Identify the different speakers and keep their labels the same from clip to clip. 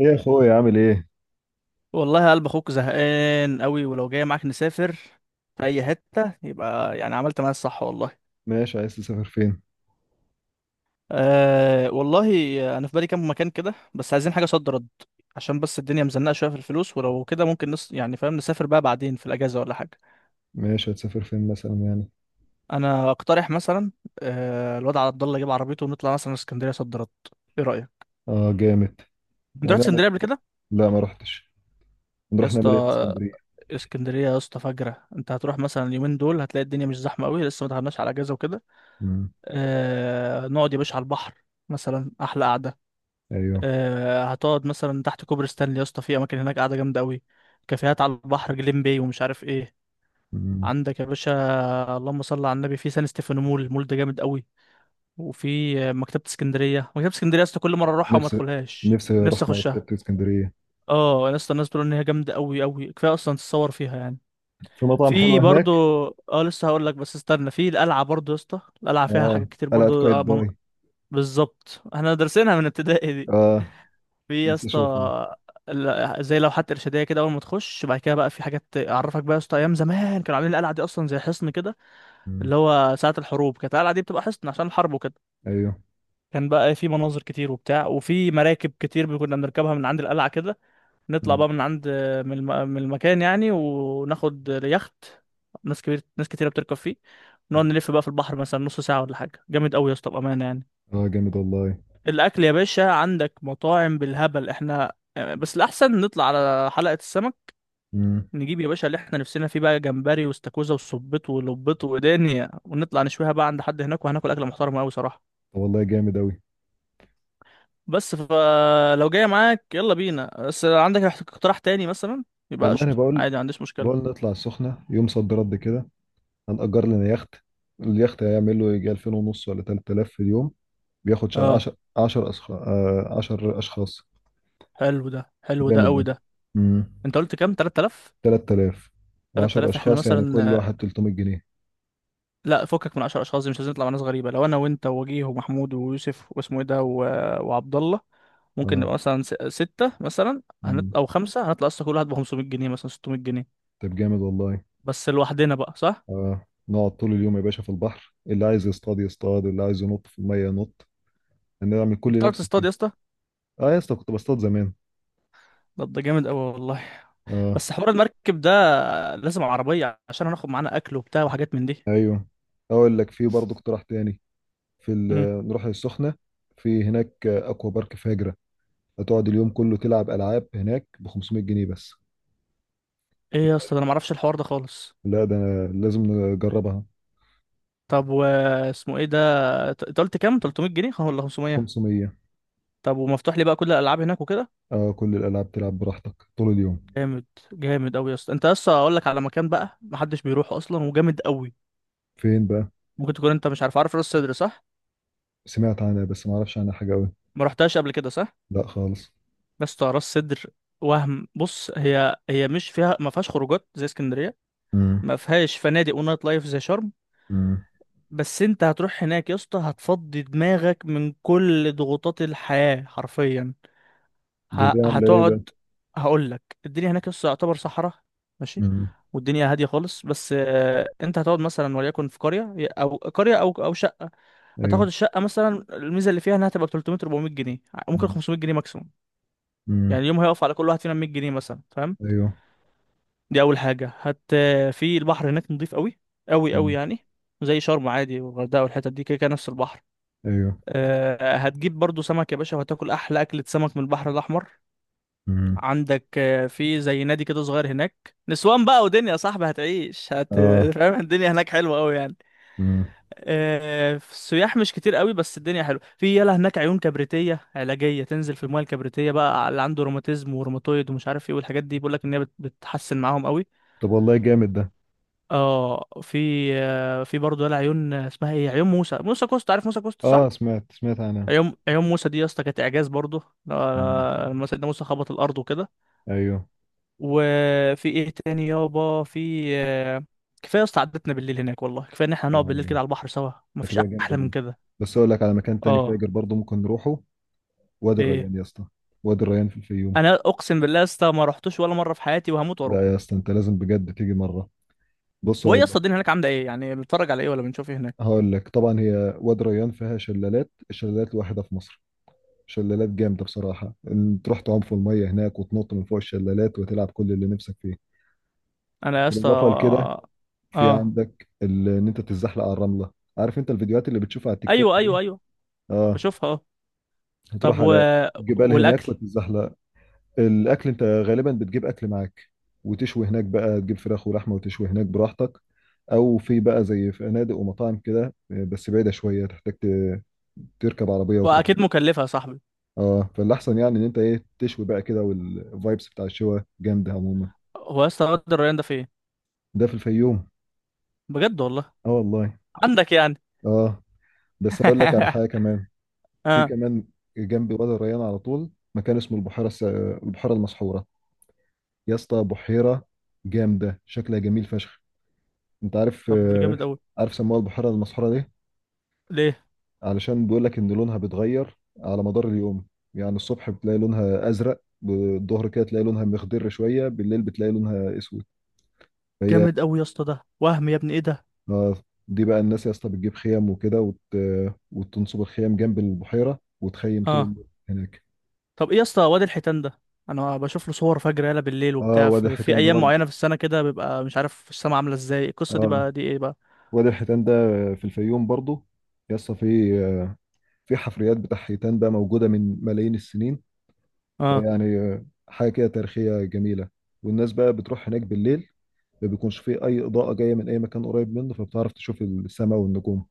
Speaker 1: ايه يا اخويا، عامل ايه؟
Speaker 2: والله قلب اخوك زهقان قوي، ولو جاي معاك نسافر في اي حته يبقى يعني عملت معايا الصح والله.
Speaker 1: ماشي، عايز تسافر فين؟
Speaker 2: أه والله. انا في بالي كام مكان كده، بس عايزين حاجه صد رد. عشان بس الدنيا مزنقه شويه في الفلوس، ولو كده ممكن نص يعني فاهم نسافر بقى بعدين في الاجازه ولا حاجه.
Speaker 1: ماشي، هتسافر فين مثلا يعني؟
Speaker 2: انا اقترح مثلا. أه الواد عبد الله يجيب عربيته ونطلع مثلا اسكندريه صد رد. ايه رايك؟
Speaker 1: اه، جامد.
Speaker 2: انت
Speaker 1: يعني
Speaker 2: رحت
Speaker 1: نعمل
Speaker 2: اسكندريه
Speaker 1: إيه؟
Speaker 2: قبل كده؟
Speaker 1: لا، ما رحتش.
Speaker 2: يا
Speaker 1: نروح نعمل ايه في
Speaker 2: اسطى،
Speaker 1: اسكندريه؟
Speaker 2: اسكندريه يا اسطى فجره. انت هتروح مثلا اليومين دول، هتلاقي الدنيا مش زحمه قوي، لسه ما دخلناش على اجازه وكده.
Speaker 1: امم.
Speaker 2: آه نقعد يا باشا على البحر، مثلا احلى قعده.
Speaker 1: ايوه.
Speaker 2: آه هتقعد مثلا تحت كوبري ستانلي يا اسطى، في اماكن هناك قاعده جامده قوي. كافيهات على البحر، جليم باي ومش عارف ايه.
Speaker 1: امم.
Speaker 2: عندك يا باشا اللهم صل على النبي في سان ستيفانو مول. المول ده جامد قوي. وفي مكتبه اسكندريه يا اسطى، كل مره اروحها وما
Speaker 1: نفسي
Speaker 2: ادخلهاش،
Speaker 1: نفسي اروح
Speaker 2: نفسي اخشها.
Speaker 1: مكتبه اسكندريه.
Speaker 2: اه يا اسطى، الناس بتقول ان هي جامده قوي قوي. كفايه اصلا تتصور فيها يعني.
Speaker 1: في مطعم حلو
Speaker 2: في برضو.
Speaker 1: هناك؟
Speaker 2: اه لسه هقول لك، بس استنى. في القلعه برضو يا اسطى، القلعه فيها
Speaker 1: اه.
Speaker 2: حاجات كتير
Speaker 1: قلعه
Speaker 2: برضو.
Speaker 1: قايتباي.
Speaker 2: بالظبط، احنا دارسينها من ابتدائي دي.
Speaker 1: اه.
Speaker 2: في يا
Speaker 1: نفسي اشوفه.
Speaker 2: اسطى زي لوحات ارشاديه كده اول ما تخش. بعد كده بقى في حاجات اعرفك بقى يا اسطى، ايام زمان كانوا عاملين القلعه دي اصلا زي حصن كده. اللي
Speaker 1: امم.
Speaker 2: هو ساعه الحروب كانت القلعه دي بتبقى حصن عشان الحرب وكده.
Speaker 1: ايوه.
Speaker 2: كان بقى في مناظر كتير وبتاع، وفي مراكب كتير كنا بنركبها من عند القلعه كده. نطلع بقى من عند من المكان يعني وناخد يخت. ناس كبير، ناس كتيره بتركب فيه.
Speaker 1: اه،
Speaker 2: نقعد نلف بقى في البحر مثلا نص ساعه ولا حاجه، جامد قوي يا اسطى بامانه يعني.
Speaker 1: جامد والله.
Speaker 2: الاكل يا باشا، عندك مطاعم بالهبل، احنا بس الاحسن نطلع على حلقة السمك.
Speaker 1: امم.
Speaker 2: نجيب يا باشا اللي احنا نفسنا فيه بقى، جمبري واستاكوزا وصبيط ولبيط ودنيا، ونطلع نشويها بقى عند حد هناك، وهناكل اكله محترمه قوي صراحه.
Speaker 1: طب والله، جامد أوي.
Speaker 2: بس فلو جاي معاك يلا بينا، بس لو عندك اقتراح تاني مثلا يبقى
Speaker 1: والله أنا
Speaker 2: قشطه،
Speaker 1: بقول
Speaker 2: عادي ما عنديش
Speaker 1: بقول
Speaker 2: مشكله.
Speaker 1: نطلع السخنة يوم صد رد كده. هنأجر لنا يخت. اليخت هيعمل له يجي 2000 ونص ولا 3000 في اليوم. بياخد
Speaker 2: اه.
Speaker 1: 10 10 10 أشخاص.
Speaker 2: حلو ده. حلو ده
Speaker 1: جامد ده.
Speaker 2: قوي ده.
Speaker 1: امم.
Speaker 2: انت قلت كام، 3000؟
Speaker 1: 3000 و10
Speaker 2: 3000 احنا
Speaker 1: أشخاص يعني كل
Speaker 2: مثلا،
Speaker 1: واحد 300 جنيه.
Speaker 2: لا فكك من 10 اشخاص دي، مش لازم نطلع مع ناس غريبه. لو انا وانت ووجيه ومحمود ويوسف واسمه ايه ده و... وعبد الله، ممكن
Speaker 1: اه.
Speaker 2: نبقى مثلا ستة مثلا
Speaker 1: امم.
Speaker 2: او خمسة. هنطلع اصلا كل واحد ب 500 جنيه مثلا 600 جنيه.
Speaker 1: طب جامد والله.
Speaker 2: بس لوحدنا بقى، صح؟
Speaker 1: اه، نقعد طول اليوم يا باشا في البحر، اللي عايز يصطاد يصطاد، اللي عايز ينط في المية ينط. هنعمل
Speaker 2: انت
Speaker 1: كل اللي
Speaker 2: بتعرف
Speaker 1: نفسك
Speaker 2: تصطاد
Speaker 1: فيه.
Speaker 2: يا اسطى؟
Speaker 1: اه يا اسطى، كنت بصطاد زمان.
Speaker 2: طب ده جامد قوي والله.
Speaker 1: اه.
Speaker 2: بس حوار المركب ده لازم عربيه، عشان هناخد معانا اكل وبتاع وحاجات من دي.
Speaker 1: ايوه. اقول لك في برضه اقتراح تاني. في
Speaker 2: امم
Speaker 1: نروح السخنه. في هناك اكوا بارك فاجره، هتقعد اليوم كله تلعب العاب هناك ب 500 جنيه بس.
Speaker 2: ايه يا اسطى ده، انا ما اعرفش الحوار ده خالص.
Speaker 1: لا ده أنا لازم نجربها.
Speaker 2: طب واسمه ايه ده؟ انت قلت كام، 300 جنيه ولا 500؟
Speaker 1: 500.
Speaker 2: طب ومفتوح لي بقى كل الالعاب هناك وكده؟
Speaker 1: اه، كل الالعاب تلعب براحتك طول اليوم.
Speaker 2: جامد. جامد قوي يا اسطى، انت اصلا اقول لك على مكان بقى محدش بيروح اصلا وجامد قوي.
Speaker 1: فين بقى؟
Speaker 2: ممكن تكون انت مش عارف. عارف راس سدر، صح؟
Speaker 1: سمعت عنها بس ما اعرفش عنها حاجه قوي.
Speaker 2: ما رحتهاش قبل كده صح؟
Speaker 1: لا خالص.
Speaker 2: بس اسطى، راس سدر وهم، بص، هي مش فيها، ما فيهاش خروجات زي اسكندريه.
Speaker 1: امم.
Speaker 2: ما فيهاش فنادق ونايت لايف زي شرم.
Speaker 1: امم.
Speaker 2: بس انت هتروح هناك يا اسطى، هتفضي دماغك من كل ضغوطات الحياه حرفيا.
Speaker 1: دي اللي عامله ايه بقى؟
Speaker 2: هتقعد. هقول لك، الدنيا هناك لسه يعتبر صحراء. ماشي.
Speaker 1: امم.
Speaker 2: والدنيا هاديه خالص. بس انت هتقعد مثلا وليكن في قريه او شقه. هتاخد
Speaker 1: ايوه.
Speaker 2: الشقه مثلا، الميزه اللي فيها انها تبقى 300 400 جنيه، ممكن 500 جنيه ماكسيموم. يعني
Speaker 1: امم.
Speaker 2: اليوم هيقف على كل واحد فينا 100 جنيه مثلا، فاهم؟
Speaker 1: ايوه.
Speaker 2: دي اول حاجه هت. في البحر هناك نضيف قوي، قوي قوي
Speaker 1: امم.
Speaker 2: يعني. زي شرم عادي والغردقه والحتت دي، كده كده نفس البحر.
Speaker 1: ايوه.
Speaker 2: هتجيب برضو سمك يا باشا، وهتاكل احلى اكله سمك من البحر الاحمر.
Speaker 1: امم.
Speaker 2: عندك في زي نادي كده صغير هناك، نسوان بقى ودنيا يا صاحبي، هتعيش
Speaker 1: اه.
Speaker 2: فاهم، الدنيا هناك حلوه قوي يعني.
Speaker 1: امم.
Speaker 2: في السياح مش كتير قوي، بس الدنيا حلوه. في يلا هناك عيون كبريتيه علاجيه، تنزل في الميه الكبريتيه بقى على اللي عنده روماتيزم وروماتويد ومش عارف ايه والحاجات دي، بيقول لك ان هي بتحسن معاهم قوي.
Speaker 1: طب والله جامد ده.
Speaker 2: اه في في برضه يلا عيون، اسمها ايه، عيون موسى. موسى كوست، عارف موسى كوست
Speaker 1: اه،
Speaker 2: صح؟
Speaker 1: سمعت سمعت عنها.
Speaker 2: عيون موسى دي يا اسطى كانت اعجاز برضه.
Speaker 1: مم.
Speaker 2: لما سيدنا موسى خبط الارض وكده.
Speaker 1: ايوه.
Speaker 2: وفي ايه تاني يابا؟ في كفايه يا اسطى، عدتنا بالليل هناك والله، كفايه ان احنا
Speaker 1: اه
Speaker 2: هنقعد بالليل
Speaker 1: والله،
Speaker 2: كده على البحر سوا، مفيش
Speaker 1: هتبقى جامده
Speaker 2: احلى من
Speaker 1: دي.
Speaker 2: كده.
Speaker 1: بس اقول لك على مكان تاني
Speaker 2: اه.
Speaker 1: فاجر برضو ممكن نروحه. وادي
Speaker 2: ايه؟
Speaker 1: الريان يا اسطى. وادي الريان في الفيوم.
Speaker 2: انا اقسم بالله يا اسطى، ما رحتوش ولا مره في حياتي وهموت
Speaker 1: لا يا
Speaker 2: واروحه.
Speaker 1: اسطى، انت لازم بجد تيجي مره. بص
Speaker 2: وهي يا
Speaker 1: هقول
Speaker 2: اسطى
Speaker 1: لك
Speaker 2: الدنيا هناك عامله ايه يعني، بنتفرج على ايه ولا بنشوف ايه هناك؟
Speaker 1: هقول لك طبعا، هي وادي الريان فيها شلالات، الشلالات الوحيده في مصر. شلالات جامده بصراحه، ان تروح تعوم في الميه هناك وتنط من فوق الشلالات وتلعب كل اللي نفسك فيه.
Speaker 2: انا يا اسطى
Speaker 1: بالاضافه لكده،
Speaker 2: اه
Speaker 1: في
Speaker 2: آه.
Speaker 1: عندك ان انت تتزحلق على الرمله. عارف انت الفيديوهات اللي بتشوفها على التيك توك
Speaker 2: ايوه ايوه
Speaker 1: دي؟
Speaker 2: ايوه.
Speaker 1: اه.
Speaker 2: بشوفها اه. طب
Speaker 1: هتروح
Speaker 2: و...
Speaker 1: على الجبال
Speaker 2: والاكل؟
Speaker 1: هناك وتتزحلق. الاكل، انت غالبا بتجيب اكل معاك وتشوي هناك بقى، تجيب فراخ ولحمه وتشوي هناك براحتك. او في بقى زي فنادق ومطاعم كده بس بعيده شويه، تحتاج تركب عربيه وتروح لها.
Speaker 2: واكيد مكلفه يا صاحبي.
Speaker 1: اه، فالاحسن يعني ان انت ايه، تشوي بقى كده، والفايبس بتاع الشوا جامده عموما.
Speaker 2: هو يا اسطى واد الريان ده فين؟
Speaker 1: ده في الفيوم.
Speaker 2: بجد والله.
Speaker 1: اه والله.
Speaker 2: عندك يعني.
Speaker 1: اه. بس اقول لك على حاجه كمان. في
Speaker 2: اه.
Speaker 1: كمان. جنب وادي الريان على طول مكان اسمه البحيره المسحوره. يا اسطى، بحيره جامده شكلها جميل فشخ. انت عارف.
Speaker 2: طب ده جامد
Speaker 1: عارف سموها البحيرة المسحورة ليه؟
Speaker 2: قوي.
Speaker 1: علشان بيقول لك ان لونها بيتغير على مدار اليوم. يعني الصبح بتلاقي لونها ازرق، بالظهر كده تلاقي لونها مخضر شوية، بالليل بتلاقي لونها اسود. فهي
Speaker 2: جامد قوي يا اسطى، ده وهم يا ابني، ايه ده؟
Speaker 1: آه، دي بقى الناس يا اسطى بتجيب خيم وكده، وت... آه، وتنصب الخيم جنب البحيرة وتخيم طول
Speaker 2: اه.
Speaker 1: النهار هناك.
Speaker 2: طب ايه يا اسطى واد الحيتان ده؟ انا بشوف له صور فجر يالا بالليل
Speaker 1: اه.
Speaker 2: وبتاع،
Speaker 1: وادي
Speaker 2: في
Speaker 1: الحيتان ده
Speaker 2: ايام
Speaker 1: برضه.
Speaker 2: معينه في السنه كده بيبقى مش عارف السما عامله ازاي. القصه دي
Speaker 1: اه،
Speaker 2: بقى دي ايه بقى؟
Speaker 1: وادي الحيتان ده في الفيوم برضه. يا اسطى في في حفريات بتاع حيتان بقى موجودة من ملايين السنين.
Speaker 2: اه
Speaker 1: يعني حاجة كده تاريخية جميلة. والناس بقى بتروح هناك بالليل، ما بيكونش فيه أي إضاءة جاية من أي مكان قريب منه فبتعرف تشوف السماء والنجوم.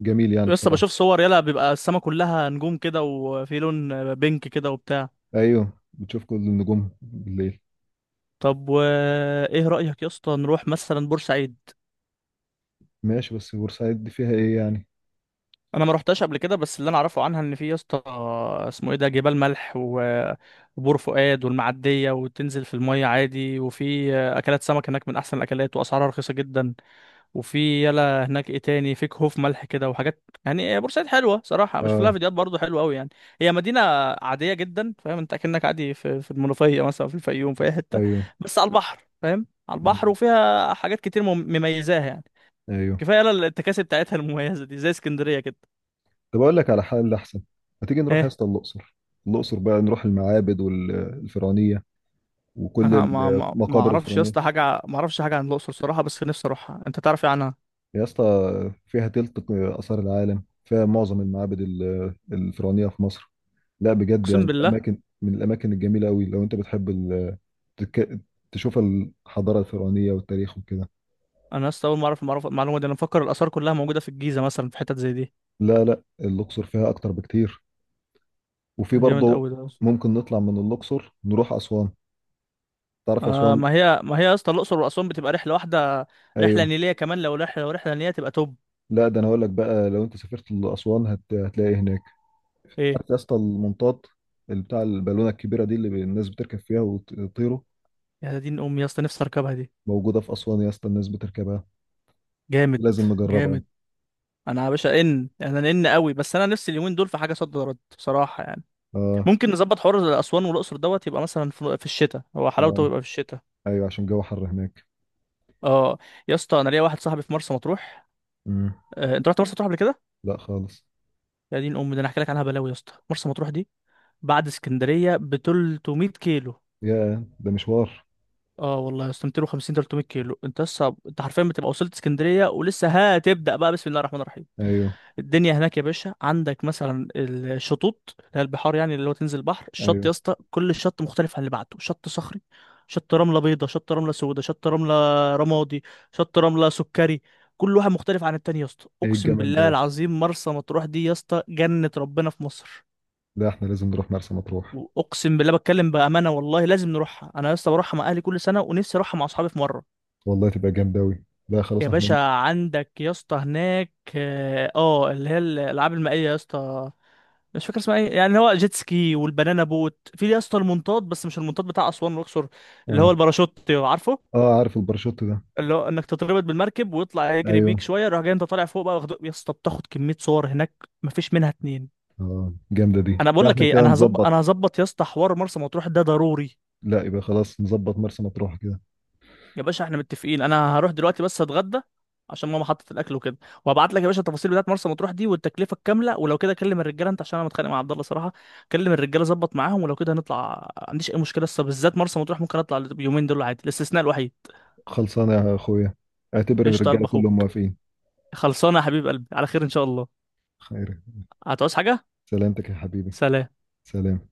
Speaker 1: جميل يعني
Speaker 2: يا اسطى
Speaker 1: بصراحة.
Speaker 2: بشوف صور يالا، بيبقى السما كلها نجوم كده وفي لون بينك كده وبتاع.
Speaker 1: أيوه، بتشوف كل النجوم بالليل.
Speaker 2: طب وايه رايك يا اسطى نروح مثلا بورسعيد؟
Speaker 1: ماشي، بس بورسعيد دي فيها إيه يعني؟
Speaker 2: انا ما روحتش قبل كده، بس اللي انا اعرفه عنها ان في يا اسطى، اسمه ايه ده، جبال ملح وبور فؤاد والمعديه، وتنزل في الميه عادي، وفي اكلات سمك هناك من احسن الاكلات واسعارها رخيصه جدا. وفي يلا هناك ايه تاني، في كهوف ملح كده وحاجات. يعني بورسعيد حلوه صراحه، مش لها
Speaker 1: آه.
Speaker 2: فيديوهات برضو حلوه قوي يعني. هي مدينه عاديه جدا فاهم، انت اكنك عادي في المنوفيه مثلا، في الفيوم، في اي حته،
Speaker 1: أيوه.
Speaker 2: بس على البحر، فاهم، على البحر،
Speaker 1: مم.
Speaker 2: وفيها حاجات كتير مميزاها يعني.
Speaker 1: أيوه.
Speaker 2: كفايه يلا التكاسي بتاعتها المميزه دي زي اسكندريه كده.
Speaker 1: طب أقول لك على حل أحسن، ما تيجي نروح يا
Speaker 2: ايه؟
Speaker 1: اسطى الأقصر. الأقصر بقى نروح المعابد والفرعونية وكل
Speaker 2: أه ما
Speaker 1: المقابر
Speaker 2: اعرفش يا
Speaker 1: الفرعونية.
Speaker 2: اسطى حاجه، ما اعرفش حاجه عن الاقصر صراحه، بس نفسي اروحها. انت تعرف ايه عنها؟
Speaker 1: يا اسطى، فيها تلت آثار العالم، فيها معظم المعابد الفرعونية في مصر. لا بجد،
Speaker 2: اقسم
Speaker 1: يعني
Speaker 2: بالله.
Speaker 1: الأماكن من الأماكن الجميلة أوي لو أنت بتحب تك... تشوف الحضارة الفرعونية والتاريخ وكده.
Speaker 2: انا لسه اول ما اعرف المعلومه دي، انا مفكر الاثار كلها موجوده في الجيزه مثلا، في حتت زي دي.
Speaker 1: لا لا، الأقصر فيها أكتر بكتير. وفي
Speaker 2: ده جامد
Speaker 1: برضه
Speaker 2: قوي ده يا اسطى.
Speaker 1: ممكن نطلع من الأقصر نروح أسوان. تعرف
Speaker 2: آه
Speaker 1: أسوان؟
Speaker 2: ما هي يا اسطى، الاقصر واسوان بتبقى رحله واحده، رحله
Speaker 1: أيوه.
Speaker 2: نيليه كمان، لو رحله نيليه تبقى توب.
Speaker 1: لا ده أنا هقول لك بقى، لو أنت سافرت لأسوان هتلاقي إيه هناك.
Speaker 2: ايه؟
Speaker 1: عارف يا اسطى المنطاد، اللي بتاع البالونة الكبيرة دي اللي الناس بتركب فيها وتطيروا؟
Speaker 2: يا دين امي يا اسطى، نفسي اركبها دي.
Speaker 1: موجودة في أسوان يا اسطى، الناس بتركبها.
Speaker 2: جامد.
Speaker 1: لازم نجربها.
Speaker 2: جامد. انا يا باشا ان انا ان قوي، بس انا نفسي اليومين دول في حاجه صد رد بصراحه يعني.
Speaker 1: اه.
Speaker 2: ممكن نظبط حوار اسوان والاقصر دوت، يبقى مثلا في الشتاء، هو حلاوته
Speaker 1: اه.
Speaker 2: يبقى في الشتاء.
Speaker 1: ايوه، عشان الجو حر هناك.
Speaker 2: اه. يا اسطى انا ليا واحد صاحبي في مرسى مطروح.
Speaker 1: مم.
Speaker 2: انت رحت مرسى مطروح قبل كده؟
Speaker 1: لا خالص.
Speaker 2: يا دين امي، ده انا هحكي لك عنها بلاوي يا اسطى. مرسى مطروح دي بعد اسكندريه ب 300 كيلو.
Speaker 1: يا ده مشوار.
Speaker 2: اه والله يا اسطى، 250 300 كيلو، انت لسه، انت حرفيا بتبقى وصلت اسكندريه ولسه هتبدا بقى بسم الله الرحمن الرحيم.
Speaker 1: ايوه.
Speaker 2: الدنيا هناك يا باشا، عندك مثلا الشطوط اللي هي البحار يعني، اللي هو تنزل بحر الشط
Speaker 1: ايوه.
Speaker 2: يا اسطى، كل شط مختلف عن اللي بعده، شط صخري، شط رمله بيضاء، شط رمله سوداء، شط رمله رمادي، شط رمله سكري. كل واحد مختلف عن التاني يا اسطى،
Speaker 1: ايه
Speaker 2: اقسم
Speaker 1: الجمال ده
Speaker 2: بالله
Speaker 1: يا اسطى!
Speaker 2: العظيم، مرسى مطروح دي يا اسطى جنة ربنا في مصر.
Speaker 1: لا احنا لازم نروح مرسى مطروح.
Speaker 2: واقسم بالله بتكلم بامانه والله، لازم نروحها. انا يا اسطى بروحها مع اهلي كل سنه، ونفسي اروحها مع اصحابي في مره.
Speaker 1: والله تبقى جامدة أوي. لا خلاص
Speaker 2: يا
Speaker 1: احنا.
Speaker 2: باشا عندك يا اسطى هناك اه، اللي هي الالعاب المائيه يا اسطى، مش فاكر اسمها ايه يعني، هو جيت سكي والبنانا بوت. في يا اسطى المنطاد، بس مش المنطاد بتاع اسوان والاقصر، اللي هو
Speaker 1: اه.
Speaker 2: الباراشوت، عارفه.
Speaker 1: اه. عارف الباراشوت ده.
Speaker 2: اللي هو انك تتربط بالمركب ويطلع يجري
Speaker 1: ايوه.
Speaker 2: بيك شويه راح جاي، انت طالع فوق بقى، واخده يا اسطى، بتاخد كميه صور هناك مفيش منها اتنين.
Speaker 1: اه، جامدة دي.
Speaker 2: انا
Speaker 1: لا
Speaker 2: بقول لك
Speaker 1: احنا
Speaker 2: ايه،
Speaker 1: كده
Speaker 2: انا هظبط انا
Speaker 1: نظبط.
Speaker 2: هظبط يا اسطى، حوار مرسى مطروح ده ضروري.
Speaker 1: لا يبقى خلاص، نظبط مرسى مطروح كده.
Speaker 2: يا باشا احنا متفقين، انا هروح دلوقتي بس اتغدى عشان ماما حطت الاكل وكده، وهبعت لك يا باشا التفاصيل بتاعت مرسى مطروح دي والتكلفه الكامله، ولو كده كلم الرجاله انت، عشان انا متخانق مع عبد الله صراحه. كلم الرجاله، ظبط معاهم، ولو كده هنطلع ما عنديش اي مشكله، لسه بالذات مرسى مطروح ممكن اطلع اليومين دول عادي، الاستثناء الوحيد.
Speaker 1: خلصانة يا اخويا، اعتبر
Speaker 2: قشطه قلب
Speaker 1: الرجالة كلهم
Speaker 2: اخوك.
Speaker 1: موافقين.
Speaker 2: خلصانه يا حبيب قلبي، على خير ان شاء الله.
Speaker 1: خير.
Speaker 2: هتعوز حاجه؟
Speaker 1: سلامتك يا حبيبي.
Speaker 2: سلام.
Speaker 1: سلام.